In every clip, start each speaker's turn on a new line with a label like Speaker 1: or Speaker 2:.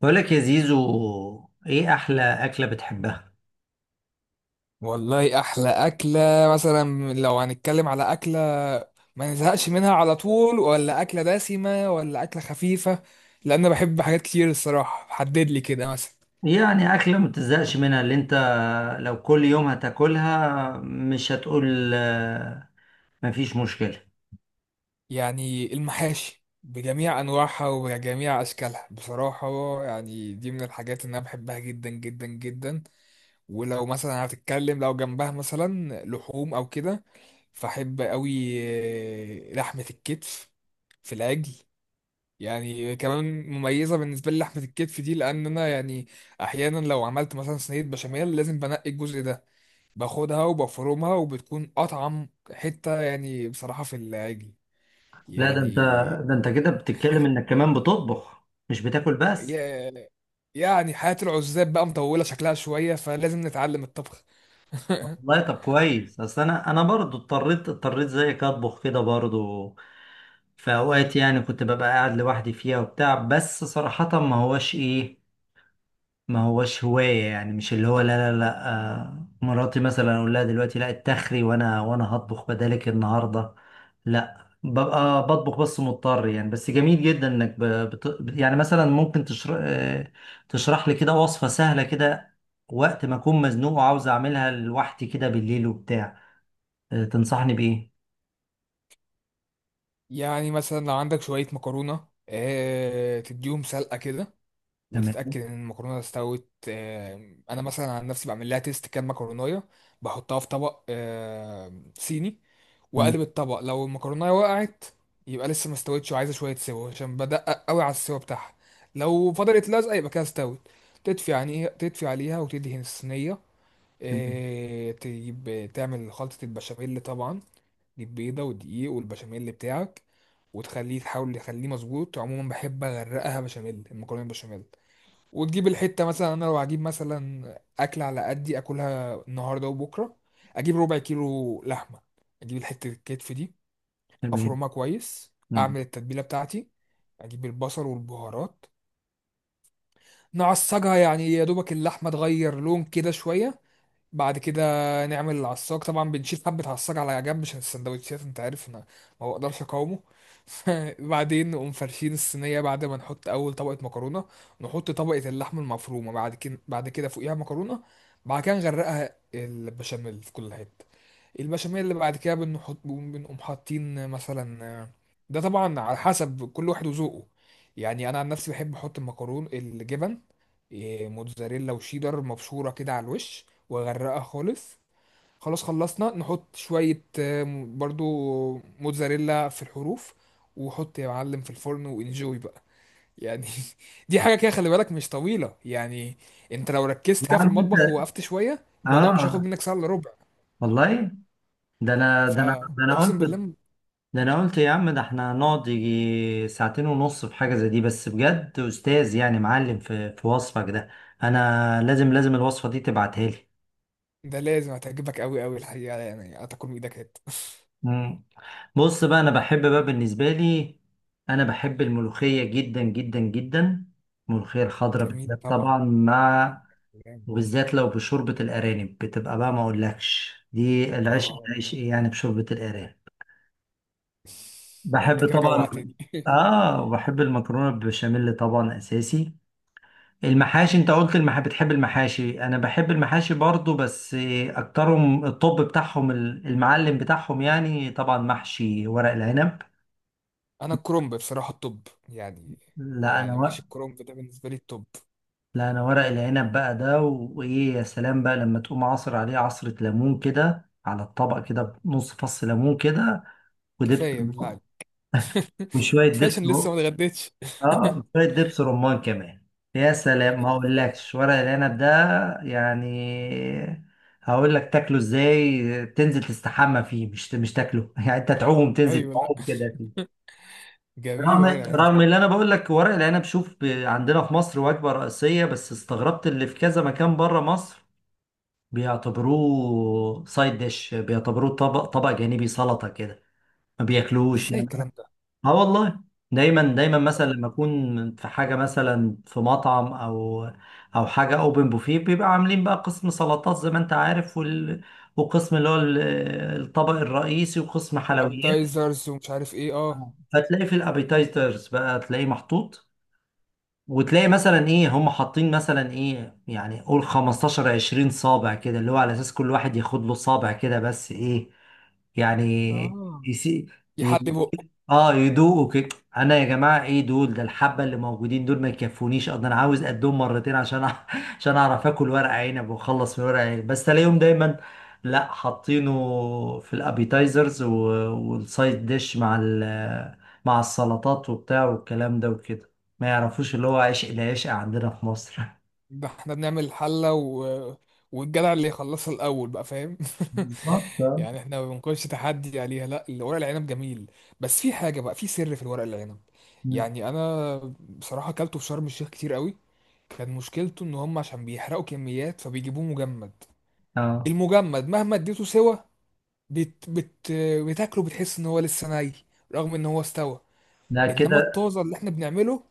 Speaker 1: بقولك يا زيزو، ايه احلى اكلة بتحبها؟
Speaker 2: والله احلى اكله. مثلا لو هنتكلم على اكله ما نزهقش منها على طول، ولا اكله دسمه، ولا اكله خفيفه؟ لان انا بحب حاجات كتير الصراحه، حدد لي كده مثلا.
Speaker 1: يعني اكلة ما بتزهقش منها، اللي انت لو كل يوم هتاكلها مش هتقول مفيش مشكلة.
Speaker 2: يعني المحاشي بجميع انواعها وبجميع اشكالها بصراحه، يعني دي من الحاجات اللي انا بحبها جدا جدا جدا. ولو مثلا هتتكلم لو جنبها مثلا لحوم او كده، فاحب قوي لحمه الكتف في العجل. يعني كمان مميزة بالنسبة لي لحمة الكتف دي، لأن أنا يعني أحيانا لو عملت مثلا صينية بشاميل لازم بنقي الجزء ده، باخدها وبفرمها وبتكون أطعم حتة، يعني بصراحة في العجل
Speaker 1: لا، ده انت ده
Speaker 2: يعني.
Speaker 1: انت كده بتتكلم انك كمان بتطبخ مش بتاكل بس.
Speaker 2: يا- يعني حياة العزاب بقى مطولة شكلها شوية، فلازم نتعلم الطبخ.
Speaker 1: والله طب كويس، اصل انا برضو اضطريت زيك اطبخ كده برضو في اوقات، يعني كنت ببقى قاعد لوحدي فيها وبتاع، بس صراحة ما هوش ايه، ما هوش هواية يعني. مش اللي هو لا لا لا. مراتي مثلا اقول لها دلوقتي لا اتخري وانا هطبخ بدالك النهاردة. لا ببقى بطبخ بس مضطر يعني. بس جميل جدا انك يعني مثلا ممكن تشرح لي كده وصفة سهلة كده، وقت ما اكون مزنوق وعاوز اعملها لوحدي كده بالليل وبتاع. تنصحني بايه؟
Speaker 2: يعني مثلا لو عندك شوية مكرونة، تديهم سلقة كده
Speaker 1: تمام.
Speaker 2: وتتاكد ان المكرونه استوت. انا مثلا عن نفسي بعمل لها تيست كام مكرونايه، بحطها في طبق صيني
Speaker 1: مم.
Speaker 2: واقلب الطبق. لو المكرونه وقعت يبقى لسه ما استوتش وعايزه شويه سوا، عشان بدقق قوي على السوا بتاعها. لو فضلت لازقه يبقى كده استوت. تدفي، يعني تدفي عليها وتدهن الصينيه.
Speaker 1: تمام.
Speaker 2: تجيب تعمل خلطه البشاميل طبعا، تجيب بيضه ودقيق والبشاميل بتاعك، وتخليه تحاول تخليه مظبوط. عموما بحب اغرقها بشاميل، المكرونه بالبشاميل. وتجيب الحتة، مثلا انا لو هجيب مثلا اكل على قدي اكلها النهاردة وبكرة، اجيب ربع كيلو لحمة، اجيب الحتة الكتف دي،
Speaker 1: تمام.
Speaker 2: افرمها كويس،
Speaker 1: مم.
Speaker 2: اعمل التتبيلة بتاعتي، اجيب البصل والبهارات، نعصجها يعني يا دوبك اللحمة تغير لون كده شوية. بعد كده نعمل العصاك طبعا، بنشيل حبة عصاك على جنب عشان السندوتشات، انت عارف انا ما بقدرش اقاومه. بعدين نقوم فرشين الصينية، بعد ما نحط أول طبقة مكرونة نحط طبقة اللحم المفرومة، بعد كده بعد كده فوقيها مكرونة، بعد كده نغرقها البشاميل في كل حتة. البشاميل اللي بعد كده بنحط، بنقوم حاطين مثلا، ده طبعا على حسب كل واحد وذوقه. يعني أنا عن نفسي بحب أحط المكرون الجبن، موتزاريلا وشيدر مبشورة كده على الوش، واغرقها خالص. خلاص خلصنا نحط شوية برضو موتزاريلا في الحروف، وحط يا معلم في الفرن وانجوي بقى يعني. دي حاجة كده خلي بالك مش طويلة يعني. انت لو ركزت
Speaker 1: يا
Speaker 2: كده في
Speaker 1: عم انت،
Speaker 2: المطبخ ووقفت شوية، الموضوع مش هياخد
Speaker 1: اه
Speaker 2: منك ساعة الا ربع،
Speaker 1: والله، ده انا ده انا ده انا
Speaker 2: فاقسم
Speaker 1: قلت
Speaker 2: بالله.
Speaker 1: ده انا قلت يا عم، ده احنا هنقعد يجي ساعتين ونص في حاجة زي دي. بس بجد استاذ، يعني معلم في وصفك ده. انا لازم لازم الوصفة دي تبعتها لي.
Speaker 2: ده لازم هتعجبك قوي قوي الحقيقة، يعني هتاكل من ايدك هات.
Speaker 1: مم. بص بقى، انا بحب بقى، بالنسبة لي انا بحب الملوخية جدا جدا جدا، الملوخية الخضراء
Speaker 2: جميل
Speaker 1: بالذات
Speaker 2: طبعا.
Speaker 1: طبعا. مع
Speaker 2: جامد.
Speaker 1: وبالذات لو بشوربة الارانب بتبقى بقى ما اقولكش، دي العشق
Speaker 2: اه،
Speaker 1: العشق يعني بشوربة الارانب.
Speaker 2: ده انت
Speaker 1: بحب
Speaker 2: كده
Speaker 1: طبعا.
Speaker 2: جوعتني.
Speaker 1: اه، وبحب المكرونة بالبشاميل طبعا اساسي. المحاشي، انت قلت بتحب المحاشي، انا بحب المحاشي برضو، بس اكترهم الطب بتاعهم، المعلم بتاعهم يعني طبعا محشي ورق العنب.
Speaker 2: انا الكرنب بصراحه الطب يعني،
Speaker 1: لا انا
Speaker 2: يعني
Speaker 1: ورق
Speaker 2: محشي الكرنب ده بالنسبه لي الطب.
Speaker 1: لا انا ورق العنب بقى ده، وايه، يا سلام بقى لما تقوم عصر عليه عصرة ليمون كده على الطبق، كده نص فص ليمون كده، ودبس.
Speaker 2: كفايه بالله عليك.
Speaker 1: وشوية
Speaker 2: كفايه
Speaker 1: دبس.
Speaker 2: عشان لسه ما اتغديتش.
Speaker 1: اه شوية دبس رمان كمان. يا سلام، ما
Speaker 2: يا سيدي.
Speaker 1: اقولكش ورق العنب ده يعني. هقول لك تاكله ازاي؟ تنزل تستحمى فيه، مش تاكله يعني انت تعوم، تنزل
Speaker 2: ايوه، لا،
Speaker 1: تعوم كده فيه.
Speaker 2: جميل
Speaker 1: رغم
Speaker 2: ورق العنب
Speaker 1: رغم
Speaker 2: طبعا.
Speaker 1: اللي انا بقول لك ورق العنب، شوف عندنا في مصر وجبة رئيسية، بس استغربت اللي في كذا مكان بره مصر بيعتبروه سايد ديش، بيعتبروه طبق جانبي، سلطة كده، ما بياكلوش
Speaker 2: ازاي
Speaker 1: يعني.
Speaker 2: الكلام ده؟
Speaker 1: اه والله، دايما دايما مثلا لما اكون في حاجه مثلا في مطعم او او حاجه اوبن بوفيه، بيبقى عاملين بقى قسم سلطات زي ما انت عارف، وقسم اللي هو الطبق الرئيسي، وقسم حلويات.
Speaker 2: والابيتايزرز ومش عارف ايه، اه.
Speaker 1: آه. فتلاقي في الابيتايزرز بقى تلاقيه محطوط، وتلاقي مثلا ايه هم حاطين مثلا ايه، يعني قول 15 20 صابع كده، اللي هو على اساس كل واحد ياخد له صابع كده، بس ايه، يعني
Speaker 2: اه
Speaker 1: يسي...
Speaker 2: يحلي بقه.
Speaker 1: اه يدوقوا كده. انا يا جماعه، ايه دول؟ ده الحبه اللي موجودين دول ما يكفونيش اصلا، انا عاوز قدهم مرتين عشان عشان اعرف اكل ورق عنب واخلص من ورق عنب، بس الاقيهم دايما لا حاطينه في الابيتايزرز والسايد ديش مع مع السلطات وبتاع والكلام ده وكده، ما يعرفوش اللي هو عشق العشق عندنا في مصر
Speaker 2: ده احنا بنعمل الحلة والجدع اللي يخلصها الأول بقى، فاهم؟
Speaker 1: بالظبط آه.
Speaker 2: يعني احنا ما بنكونش تحدي عليها، لا الورق العنب جميل. بس في حاجة بقى، في سر في الورق العنب.
Speaker 1: مم.
Speaker 2: يعني أنا بصراحة أكلته في شرم الشيخ كتير قوي. كان مشكلته إن هم عشان بيحرقوا كميات فبيجيبوه مجمد.
Speaker 1: اه.
Speaker 2: المجمد مهما اديته سوا بت... بت... بتاكله بتحس إن هو لسه ني، رغم إن هو استوى.
Speaker 1: لا
Speaker 2: إنما
Speaker 1: كده.
Speaker 2: الطازة اللي احنا بنعمله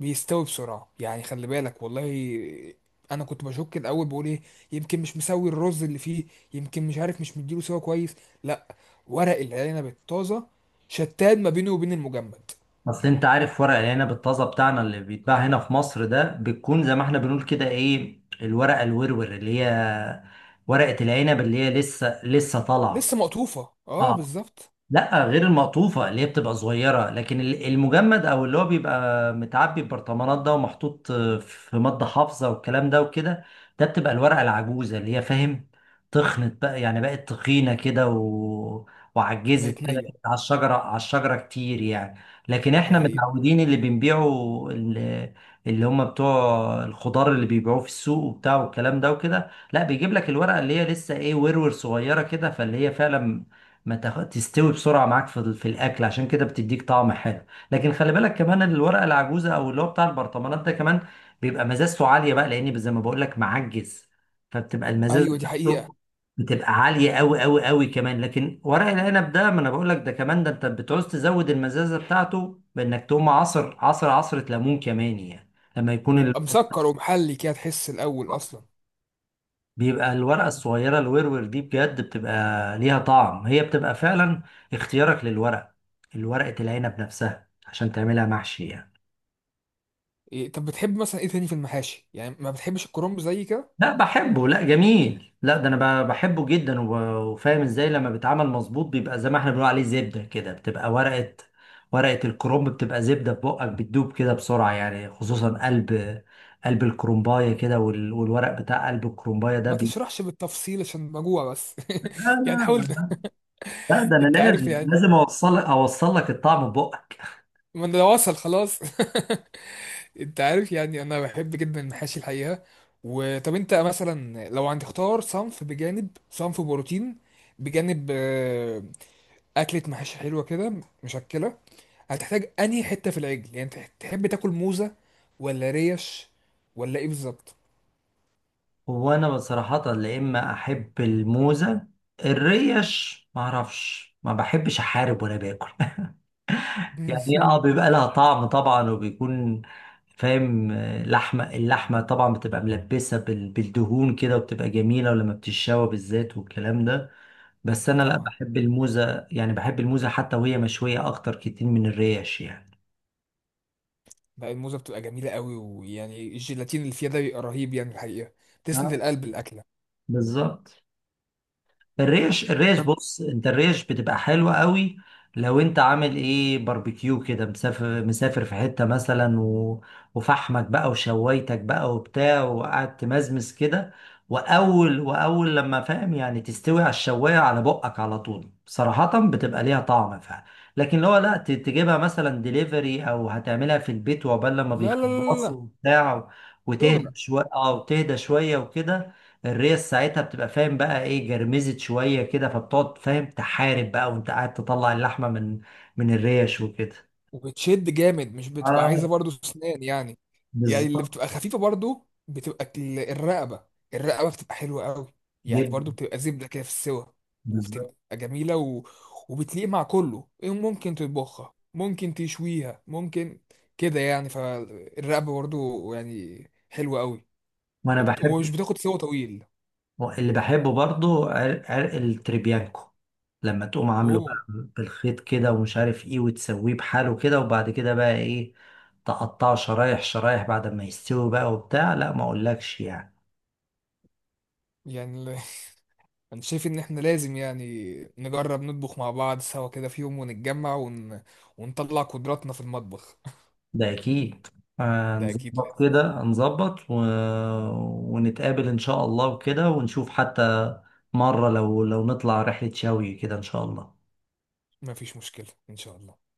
Speaker 2: بيستوي بسرعة، يعني خلي بالك والله. انا كنت بشك الاول بقول ايه، يمكن مش مسوي الرز اللي فيه، يمكن مش عارف مش مديله سوا كويس. لا، ورق العنب الطازة شتان ما بينه وبين المجمد.
Speaker 1: اصل انت عارف ورق العنب الطازه بتاعنا اللي بيتباع هنا في مصر ده، بتكون زي ما احنا بنقول كده ايه، الورقه الورور اللي هي ورقه العنب اللي هي لسه لسه
Speaker 2: لسه
Speaker 1: طالعه.
Speaker 2: مقطوفة، اه
Speaker 1: اه،
Speaker 2: بالظبط.
Speaker 1: لا، غير المقطوفة اللي هي بتبقى صغيرة، لكن المجمد او اللي هو بيبقى متعبي ببرطمانات ده ومحطوط في مادة حافظة والكلام ده وكده، ده بتبقى الورقة العجوزة اللي هي فاهم، تخنت بقى يعني، بقت تخينة كده وعجزت
Speaker 2: بقت
Speaker 1: كده
Speaker 2: نية.
Speaker 1: على الشجرة، على الشجرة كتير يعني. لكن
Speaker 2: دي
Speaker 1: احنا
Speaker 2: حقيقة.
Speaker 1: متعودين اللي بنبيعه، اللي, اللي هم بتوع الخضار اللي بيبيعوه في السوق وبتاع والكلام ده وكده، لا بيجيب لك الورقة اللي هي لسه ايه، ورور صغيرة كده، فاللي هي فعلا ما تاخد، تستوي بسرعه معاك في في الاكل، عشان كده بتديك طعم حلو. لكن خلي بالك كمان إن الورقه العجوزه او اللي هو بتاع البرطمانات ده كمان بيبقى مزازته عاليه بقى، لان زي ما بقول لك معجز، فبتبقى المزازه
Speaker 2: ايوه دي حقيقة.
Speaker 1: بتاعته بتبقى عاليه قوي قوي قوي كمان. لكن ورق العنب ده ما انا بقول لك ده كمان، ده انت بتعوز تزود المزازه بتاعته بانك تقوم عصره ليمون كمان يعني. لما يكون
Speaker 2: بيبقى مسكر ومحلي كده تحس الاول اصلا.
Speaker 1: بيبقى الورقة الصغيرة الورور دي بجد بتبقى ليها طعم، هي بتبقى فعلا اختيارك للورق، الورقة العنب نفسها عشان تعملها محشي يعني.
Speaker 2: إيه طب بتحب مثلا ايه تاني في المحاشي؟ يعني ما بتحبش الكرنب زي كده؟
Speaker 1: لا بحبه، لا جميل، لا ده انا بحبه جدا وفاهم ازاي لما بيتعمل مظبوط بيبقى زي ما احنا بنقول عليه زبدة كده، بتبقى ورقة، ورقة الكرنب بتبقى زبدة في بقك، بتدوب كده بسرعة يعني، خصوصا قلب الكرنباية كده، والورق بتاع قلب الكرنباية ده
Speaker 2: ما تشرحش بالتفصيل عشان بجوع بس.
Speaker 1: لا
Speaker 2: يعني حاول.
Speaker 1: لا لا، ده انا
Speaker 2: انت عارف
Speaker 1: لازم لازم
Speaker 2: يعني،
Speaker 1: اوصل لك الطعم ببقك.
Speaker 2: ما انا لو وصل خلاص. انت عارف يعني انا بحب جدا المحاشي الحقيقه. وطب انت مثلا لو عندك اختار صنف بجانب صنف بروتين بجانب اكله محاشي حلوه كده، مشكله، هتحتاج انهي حته في العجل؟ يعني انت تحب تاكل موزه ولا ريش ولا ايه بالظبط؟
Speaker 1: وانا بصراحة لا، اما احب الموزة. الريش ما اعرفش، ما بحبش احارب وانا باكل يعني هي اه بيبقى لها طعم طبعا، وبيكون فاهم لحمة، اللحمة طبعا بتبقى ملبسة بالدهون كده وبتبقى جميلة، ولما بتتشوى بالذات والكلام ده. بس
Speaker 2: اه
Speaker 1: انا لا
Speaker 2: طبعا.
Speaker 1: بحب الموزة يعني، بحب الموزة حتى وهي مشوية اكتر كتير من الريش يعني.
Speaker 2: لا الموزه بتبقى جميله قوي، ويعني الجيلاتين اللي فيها ده بيبقى رهيب يعني الحقيقه، تسند
Speaker 1: آه،
Speaker 2: القلب الاكله.
Speaker 1: بالظبط. الريش، الريش
Speaker 2: طب
Speaker 1: بص انت، الريش بتبقى حلوة قوي، لو انت عامل ايه باربيكيو كده، مسافر في حتة مثلا وفحمك بقى وشوايتك بقى وبتاع، وقعدت تمزمز كده، واول لما فاهم يعني تستوي على الشواية على بقك على طول، صراحة بتبقى ليها طعم فعلا. لكن لو لا تجيبها مثلا ديليفري او هتعملها في البيت، وعقبال لما
Speaker 2: لا لا لا لا لا.
Speaker 1: بيخلصوا وبتاع
Speaker 2: شغل.
Speaker 1: وتهدى شوية، اه وتهدى شوية وكده، الريس ساعتها بتبقى فاهم بقى ايه، جرمزت شوية كده، فبتقعد فاهم تحارب بقى وانت قاعد تطلع اللحمة من الريش وكده.
Speaker 2: وبتشد جامد، مش بتبقى عايزه
Speaker 1: اه
Speaker 2: برضو اسنان يعني. يعني اللي
Speaker 1: بالظبط.
Speaker 2: بتبقى خفيفه برضو بتبقى الرقبه. الرقبه بتبقى حلوه قوي، يعني
Speaker 1: جدا
Speaker 2: برضو بتبقى زبده كده في السوا،
Speaker 1: بالظبط.
Speaker 2: وبتبقى جميله وبتليق مع كله، إيه ممكن تطبخها، ممكن تشويها، ممكن كده يعني. فالرقبه برضو يعني حلوه قوي.
Speaker 1: وانا
Speaker 2: ومش
Speaker 1: بحب
Speaker 2: بتاخد سوا طويل.
Speaker 1: اللي بحبه برضو عرق التريبيانكو، لما تقوم عامله بقى
Speaker 2: اوه،
Speaker 1: بالخيط كده ومش عارف ايه، وتسويه بحاله كده، وبعد كده بقى ايه تقطعه شرايح شرايح بعد ما يستوي بقى وبتاع، لا ما اقولكش يعني.
Speaker 2: يعني انا شايف ان احنا لازم يعني نجرب نطبخ مع بعض سوا كده في يوم، ونتجمع ونطلع قدراتنا في المطبخ.
Speaker 1: ده اكيد،
Speaker 2: ده اكيد
Speaker 1: هنظبط
Speaker 2: لازم.
Speaker 1: كده، هنظبط ونتقابل ان شاء الله وكده، ونشوف حتى مرة لو نطلع رحلة شوي كده ان شاء الله.
Speaker 2: مفيش مشكلة ان شاء الله.